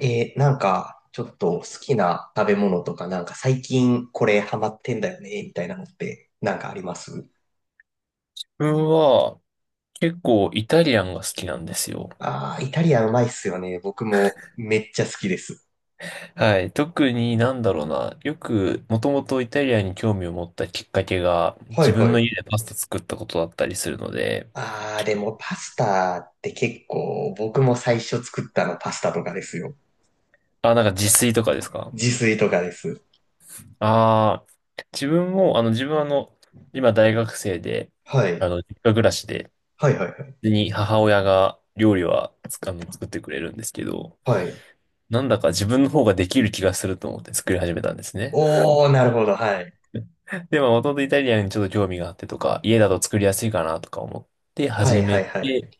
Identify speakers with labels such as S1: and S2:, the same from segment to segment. S1: なんか、ちょっと好きな食べ物とか、なんか最近これハマってんだよね、みたいなのってなんかあります？
S2: 自分は結構イタリアンが好きなんですよ。
S1: ああー、イタリアンうまいっすよね。僕もめっちゃ好きです。
S2: はい。特になんだろうな。よく、もともとイタリアンに興味を持ったきっかけが、
S1: は
S2: 自
S1: い
S2: 分
S1: は
S2: の
S1: い。
S2: 家でパスタ作ったことだったりするので、
S1: ああ、でもパスタって結構僕も最初作ったのパスタとかですよ。
S2: あ、なんか自炊とかですか？
S1: 自炊とかです。
S2: ああー、自分は今大学生で、
S1: はい。
S2: 実家暮らしで、
S1: はいはいはい。
S2: 普通に母親が料理はつ、あの、作ってくれるんですけど、
S1: はい。
S2: なんだか自分の方ができる気がすると思って作り始めたんですね。
S1: おー、なるほど。はい。
S2: で、まあ、もともとイタリアンにちょっと興味があってとか、家だと作りやすいかなとか思って
S1: は
S2: 始
S1: いは
S2: め
S1: いはい。
S2: て、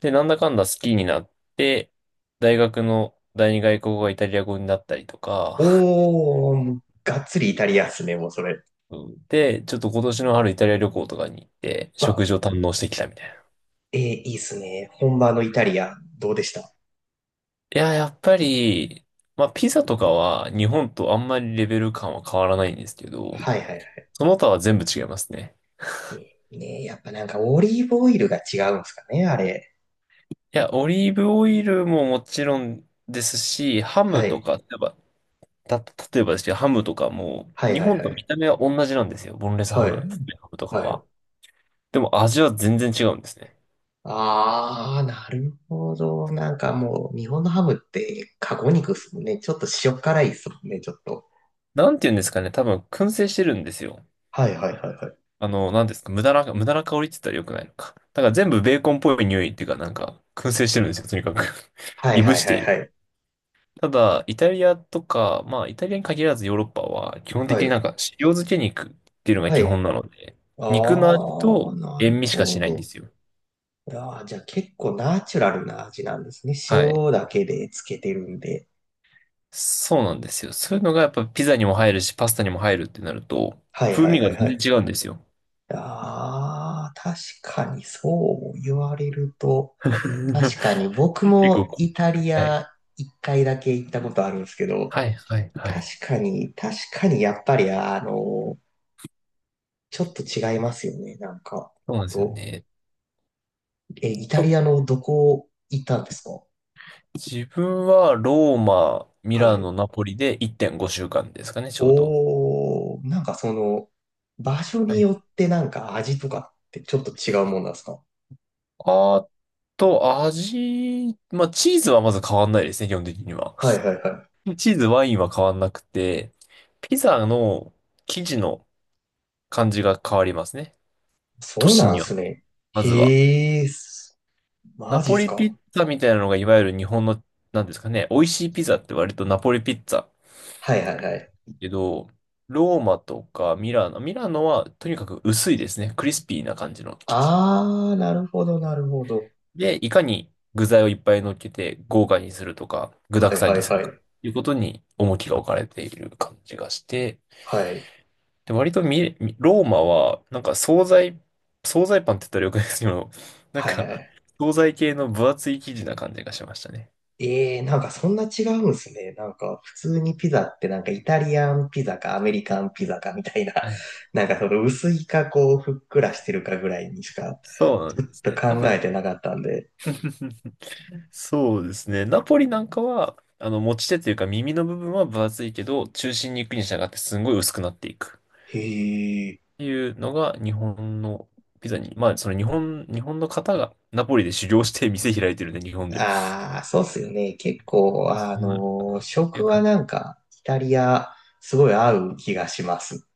S2: で、なんだかんだ好きになって、大学の第二外国語がイタリア語になったりとか、
S1: おー、がっつりイタリアンっすね、もうそれ。
S2: うん。で、ちょっと今年の春イタリア旅行とかに行って、食
S1: わ
S2: 事を堪能してきたみたいな。
S1: いいっすね。本場のイタリア、どうでした？
S2: いや、やっぱり、まあ、ピザとかは日本とあんまりレベル感は変わらないんですけど、
S1: はいはいは
S2: その他は全部違いますね。
S1: い。ねえやっぱなんかオリーブオイルが違うんですかね、あれ。
S2: いや、オリーブオイルももちろんですし、ハム
S1: は
S2: と
S1: い。
S2: か、やっぱた例えばですけど、ハムとかも、
S1: はい
S2: 日
S1: はいは
S2: 本と
S1: い。
S2: 見た目は同じなんですよ。ボンレスハ
S1: は
S2: ム、
S1: い。
S2: フライハムとか
S1: はい。
S2: は。でも味は全然違うんですね。
S1: ああ、なるほど。なんかもう、日本のハムって、カゴ肉っすもんね。ちょっと塩辛いっすもんね、ちょっと。
S2: なんて言うんですかね。多分、燻製してるんですよ。
S1: はいはいはいはい。
S2: なんですか。無駄な香りって言ったら良くないのか。だから全部ベーコンっぽい匂いっていうか、なんか、燻製してるんですよ。とにかく
S1: は
S2: い
S1: い
S2: ぶ
S1: はい
S2: し
S1: は
S2: て
S1: い
S2: い
S1: は
S2: る。
S1: い。
S2: ただ、イタリアとか、まあ、イタリアに限らずヨーロッパは、基本
S1: は
S2: 的に
S1: い。
S2: なんか、塩漬け肉っていうのが
S1: は
S2: 基本
S1: い。
S2: なので、
S1: あ
S2: 肉の味
S1: あ、
S2: と
S1: なる
S2: 塩味しか
S1: ほ
S2: しないんで
S1: ど。
S2: すよ。
S1: あーじゃあ結構ナチュラルな味なんですね。
S2: はい。
S1: 塩だけでつけてるんで。
S2: そうなんですよ。そういうのがやっぱピザにも入るし、パスタにも入るってなると、
S1: はい
S2: 風
S1: はい
S2: 味が
S1: はいは
S2: 全
S1: い。
S2: 然違うんですよ。
S1: ああ、確かにそう言われると、確かに僕
S2: 結構
S1: も
S2: こ
S1: イタリ
S2: う、はい。
S1: ア一回だけ行ったことあるんですけど、
S2: はい、はい、は
S1: 確
S2: い。
S1: かに、確かにやっぱりあの、ちょっと違いますよね、なんか。
S2: そう
S1: ほ
S2: な
S1: ん
S2: んですよ
S1: と、
S2: ね。
S1: イタリ
S2: と
S1: アのどこ行ったんですか？
S2: 自分はローマ、ミ
S1: は
S2: ラノ、
S1: い。
S2: ナポリで1.5週間ですかね、ちょうど。
S1: おー、なんかその、場所
S2: は
S1: に
S2: い。
S1: よってなんか味とかってちょっと違うもんなんですか？
S2: あと、まあ、チーズはまず変わんないですね、基本的には。
S1: はいはいはい。
S2: チーズ、ワインは変わんなくて、ピザの生地の感じが変わりますね。都
S1: そう
S2: 市
S1: な
S2: に
S1: んで
S2: よ
S1: す
S2: って。
S1: ね。
S2: まずは。
S1: へえ、
S2: ナ
S1: マジ
S2: ポ
S1: っす
S2: リピ
S1: か？
S2: ッツァみたいなのがいわゆる日本の、なんですかね、美味しいピザって割とナポリピッツァ
S1: はいはいはい。
S2: けど、ローマとかミラノはとにかく薄いですね。クリスピーな感じの生地。
S1: あー、なるほど、なるほど。
S2: で、いかに具材をいっぱい乗っけて豪華にするとか、具
S1: は
S2: 沢
S1: い
S2: 山
S1: は
S2: に
S1: い
S2: する
S1: は
S2: か、
S1: い。
S2: いうことに重きが置かれている感じがして、
S1: はい。
S2: で、割とミローマは、なんか惣菜パンって言ったらよくないですけど、なん
S1: はいは
S2: か、
S1: い。
S2: 惣菜系の分厚い生地な感じがしましたね。
S1: ええー、なんかそんな違うんすね。なんか普通にピザってなんかイタリアンピザかアメリカンピザかみたいな、
S2: はい、
S1: なんかその薄いかこうふっくらしてるかぐらいにしか
S2: そうな
S1: ち
S2: ん
S1: ょっ
S2: です
S1: と
S2: ね。多
S1: 考え
S2: 分、
S1: てなかったんで。
S2: そうですね。ナポリなんかは、持ち手というか耳の部分は分厚いけど、中心に行くに従ってすんごい薄くなっていく。っ
S1: へえ。
S2: ていうのが日本のピザに、まあ、日本の方がナポリで修行して店開いてるんで、日本で。
S1: ああ、そうっすよね。結
S2: 割
S1: 構、
S2: とそうなのかなっていう
S1: 食は
S2: 感じ。
S1: なん かイタリアすごい合う気がします。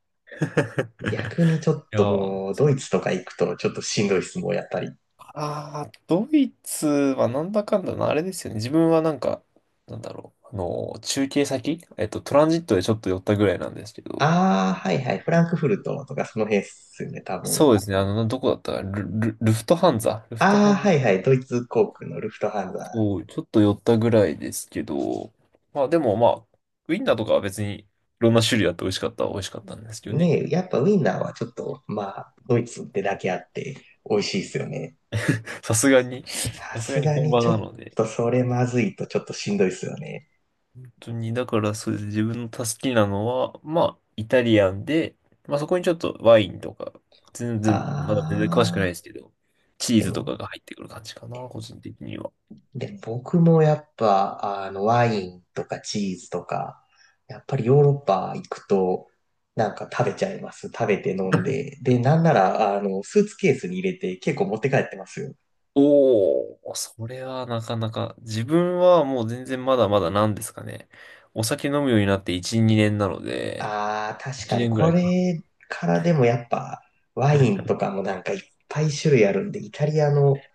S1: 逆にちょっ
S2: いや
S1: ともう、
S2: ー、
S1: ドイツとか行くとちょっとしんどいっす、もうやっぱり。
S2: あー、ドイツはなんだかんだな、あれですよね。自分はなんか、なんだろう。あの、中継先、えっと、トランジットでちょっと寄ったぐらいなんですけど、
S1: ああ、はいはい、フランクフルトとかその辺っすよね、多分。
S2: そうですね。どこだったかなルフトハンザルフト
S1: あ
S2: ハ
S1: あ、
S2: ン、
S1: はいはい、ドイツ航空のルフトハンザ。
S2: そう、ちょっと寄ったぐらいですけど、まあでもまあ、ウインナーとかは別にいろんな種類あって美味しかったは美味しかったんですけどね。
S1: ねえ、やっぱウィンナーはちょっと、まあ、ドイツってだけあって美味しいっすよね。
S2: さすがに、
S1: さ
S2: さすが
S1: す
S2: に
S1: が
S2: 本
S1: に
S2: 場
S1: ちょ
S2: な
S1: っ
S2: ので。
S1: とそれまずいとちょっとしんどいっすよね。
S2: 本当に、だからそうですね自分の好きなのは、まあ、イタリアンで、まあそこにちょっとワインとか、まだ全然詳しくな
S1: あ
S2: いで
S1: あ、
S2: すけど、チー
S1: で
S2: ズとか
S1: も、
S2: が入ってくる感じかな、個人的には。
S1: で、僕もやっぱ、ワインとかチーズとか、やっぱりヨーロッパ行くと、なんか食べちゃいます。食べて飲んで。で、なんなら、スーツケースに入れて結構持って帰ってますよ。
S2: おお、それはなかなか、自分はもう全然まだまだなんですかね。お酒飲むようになって1、2年なので、
S1: ああ、確
S2: 1
S1: かに
S2: 年ぐ
S1: こ
S2: らいか。
S1: れからでもやっぱ、ワイン とかもなんかいっぱい種類あるんで、イタリアの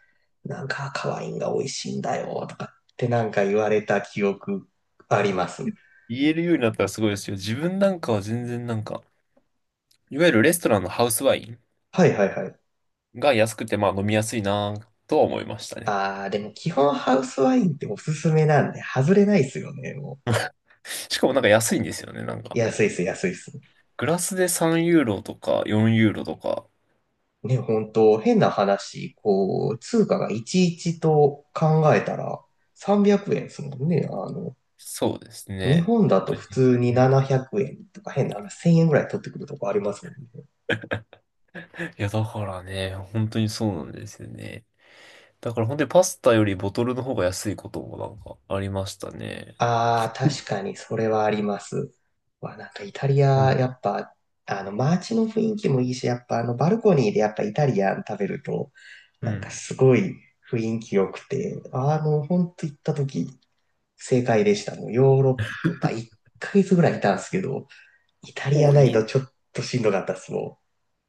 S1: なんか赤ワインが美味しいんだよとかってなんか言われた記憶あります。
S2: 言えるようになったらすごいですよ。自分なんかは全然なんか、いわゆるレストランのハウスワイン
S1: はいはいはい。
S2: が安くてまあ飲みやすいなとは思いましたね。
S1: ああ、でも基本ハウスワインっておすすめなんで、外れないですよね、も
S2: しかもなんか安いんですよね。なん
S1: う。
S2: か、
S1: 安いっす、安いっす。
S2: グラスで3ユーロとか4ユーロとか、
S1: ね、本当変な話、こう、通貨がいちいちと考えたら300円ですもんね。
S2: そうです
S1: 日
S2: ね。
S1: 本
S2: 本
S1: だと
S2: 当
S1: 普
S2: に。
S1: 通に
S2: うん、
S1: 700円とか変な話、1000円ぐらい取ってくるとこありますもんね。
S2: いや、だからね、本当にそうなんですよね。だから本当にパスタよりボトルの方が安いこともなんかありましたね。
S1: ああ、確かにそれはあります。わ、なんかイタリ
S2: う
S1: ア、や
S2: ん。
S1: っぱ、街の雰囲気もいいし、やっぱバルコニーでやっぱイタリアン食べると、
S2: う
S1: なんか
S2: ん。
S1: すごい雰囲気良くて、ほんと行った時、正解でした。もうヨーロッパ1ヶ月ぐらいいたんですけど、イタリア
S2: お、
S1: な
S2: い
S1: いと
S2: い。
S1: ちょっとしんどかったっす、も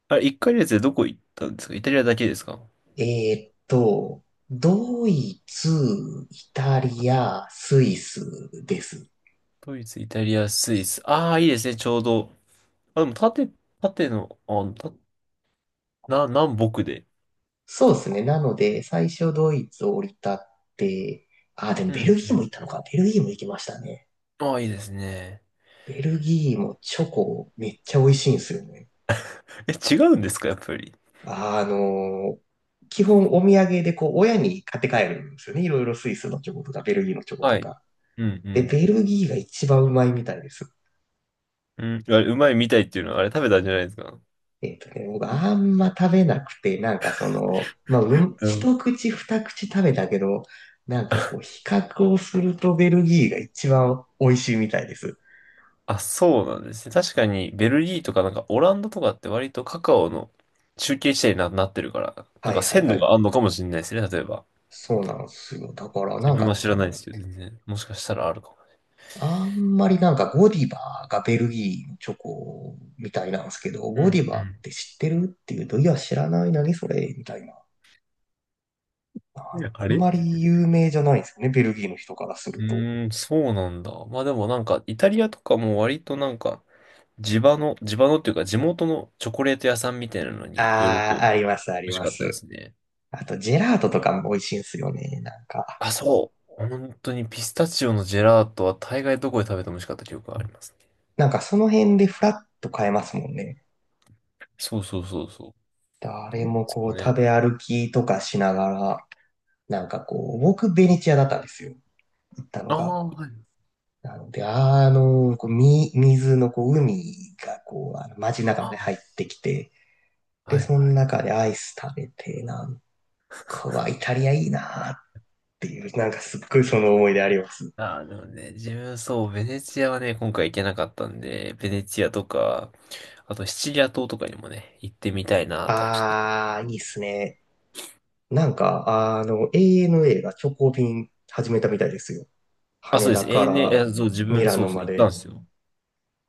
S2: あれ、一回のつでどこ行ったんですか？イタリアだけですか？
S1: ん。ドイツ、イタリア、スイスです。
S2: ドイツ、イタリア、スイス。ああ、いいですね、ちょうど。あ、でも縦の、南北で。
S1: そうですね。なので、最初ドイツを降り立って、あ、でも
S2: う
S1: ベル
S2: ん、
S1: ギ
S2: う
S1: ーも行っ
S2: ん。
S1: たのか。ベルギーも行きましたね。
S2: ああ、いいですね。
S1: ベルギーもチョコめっちゃ美味しいんですよね。
S2: え、違うんですか？やっぱり。
S1: あの、基本お土産でこう親に買って帰るんですよね。いろいろスイスのチョコとかベルギーのチョコ
S2: は
S1: と
S2: い。
S1: か。
S2: う
S1: で、
S2: ん、
S1: ベルギーが一番うまいみたいです。
S2: うん。うん、あれ、うまいみたいっていうのは、あれ食べたんじゃないですか？
S1: 僕あんま食べなくて、なんかまあ、うん、
S2: うん、
S1: 一口二口食べたけど、なんかこう比較をするとベルギーが一番美味しいみたいです。
S2: あ、そうなんですね。確かに、ベルギーとかなんかオランダとかって割とカカオの中継地点になってるから、なん
S1: は
S2: か
S1: いはい
S2: 鮮
S1: は
S2: 度があ
S1: い。
S2: るのかもしれないですね、例えば。
S1: そうなんですよ。だからな
S2: 自
S1: ん
S2: 分は
S1: か、
S2: 知らないですけど、全然。もしかしたらあるかも。
S1: あんまりなんかゴディバがベルギーのチョコみたいなんですけど、
S2: う
S1: ゴ
S2: ん
S1: ディバって知ってるっていうと、いや知らない、何それみたいな。
S2: うん。あ
S1: あん
S2: れ、う
S1: まり有名じゃないんですよね、ベルギーの人からすると。
S2: ーん、そうなんだ。まあでもなんか、イタリアとかも割となんか、地場の、地場のっていうか地元のチョコレート屋さんみたいなのによると
S1: あ
S2: 美
S1: あ、あります、あり
S2: 味し
S1: ま
S2: かったで
S1: す。
S2: すね。
S1: あと、ジェラートとかも美味しいんですよね、なんか。
S2: あ、そう。本当にピスタチオのジェラートは大概どこで食べても美味しかった記憶がありますね。
S1: なんかその辺でフラッと買えますもんね。
S2: そうそうそうそう。
S1: 誰
S2: どうで
S1: も
S2: す
S1: こ
S2: か
S1: う
S2: ね。
S1: 食べ歩きとかしながら、なんかこう、僕ベネチアだったんですよ、行ったの
S2: あ
S1: が。
S2: あ、はい。
S1: なので、こう、水の、こう、海が、こう、街の中まで
S2: あ
S1: 入ってきて、
S2: あ、は
S1: で、
S2: い、
S1: その
S2: はい。
S1: 中でアイス食べて、なんかは、イタリアいいなーっていう、なんかすっごいその思い出あります。
S2: ああ、でもね、自分そう、ベネチアはね、今回行けなかったんで、ベネチアとか、あとシチリア島とかにもね、行ってみたいなとはちょっと。
S1: あー、いいっすね。なんか、ANA が直行便始めたみたいですよ。
S2: あ、そ
S1: 羽
S2: うで
S1: 田
S2: す。a
S1: か
S2: n
S1: ら
S2: えそう、自
S1: ミ
S2: 分、
S1: ラ
S2: そ
S1: ノ
S2: うそう、
S1: ま
S2: 行ったんで
S1: で。
S2: すよ。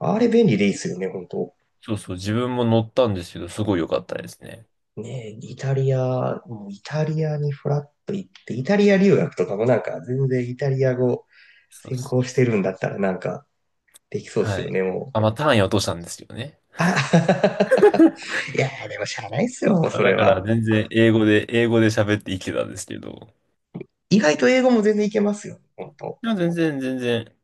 S1: あれ便利でいいっすよね、本当。
S2: そうそう、自分も乗ったんですけど、すごい良かったですね。
S1: ねえ、イタリア、もうイタリアにフラッと行って、イタリア留学とかもなんか全然イタリア語
S2: そう
S1: 専
S2: そ
S1: 攻
S2: う
S1: して
S2: そ
S1: る
S2: う。
S1: んだったらなんかできそうっ
S2: は
S1: すよ
S2: い。
S1: ね、も
S2: あ、
S1: う。
S2: まあ、単位は落としたんですけどね。
S1: あ、いやー、でもしゃあないっすよ、もう
S2: あ、
S1: それ
S2: だから、
S1: は。
S2: 全然、英語で喋って生きてたんですけど、
S1: 意外と英語も全然いけますよ、本当。
S2: いや、全然、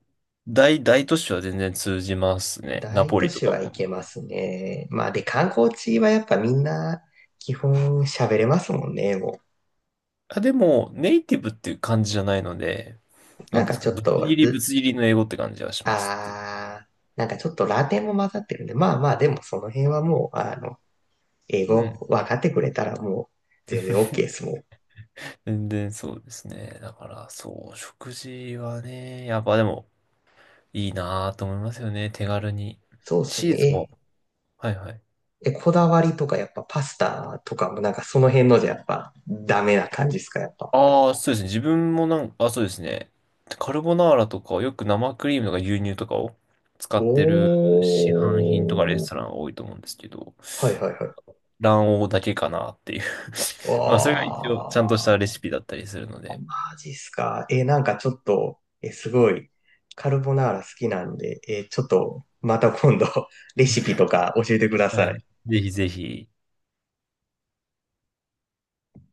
S2: 大都市は全然通じますね。ナ
S1: 大
S2: ポ
S1: 都
S2: リと
S1: 市
S2: か
S1: はい
S2: も。
S1: けますね。まあで、観光地はやっぱみんな基本喋れますもんね、も
S2: あ、でも、ネイティブっていう感じじゃないので、
S1: う。
S2: な
S1: な
S2: ん
S1: ん
S2: てい
S1: か
S2: うんですか、
S1: ちょっ
S2: ぶつ
S1: と、
S2: 切りぶつ
S1: う、
S2: 切りの英語って感じはしますって。
S1: あー、なんかちょっとラテンも混ざってるんで、まあまあでもその辺はもう、英
S2: うん。
S1: 語分かってくれたらもう全然 OK ですもん。
S2: 全然そうですね。だから、そう、食事はね、やっぱでも、いいなぁと思いますよね。手軽に。
S1: そうっす
S2: チーズ
S1: ね。
S2: も、はいはい。
S1: えこだわりとかやっぱパスタとかもなんかその辺のじゃやっぱダメな感じですか、やっぱ？
S2: ああ、そうですね。自分もなんか、あ、そうですね。カルボナーラとかよく生クリームとか牛乳とかを使
S1: お
S2: ってる市販品とかレス
S1: ー。
S2: トランが多いと思うんですけど、
S1: はいはいはい。
S2: 卵黄だけかなっていう
S1: わ
S2: まあ、それが一応、ちゃんとしたレシ
S1: ー。
S2: ピだったりするので、
S1: マジっすか。なんかちょっと、すごい、カルボナーラ好きなんで、ちょっとまた今度 レシピとか教えてくだ
S2: は
S1: さ
S2: い。
S1: い。
S2: ぜひぜひ、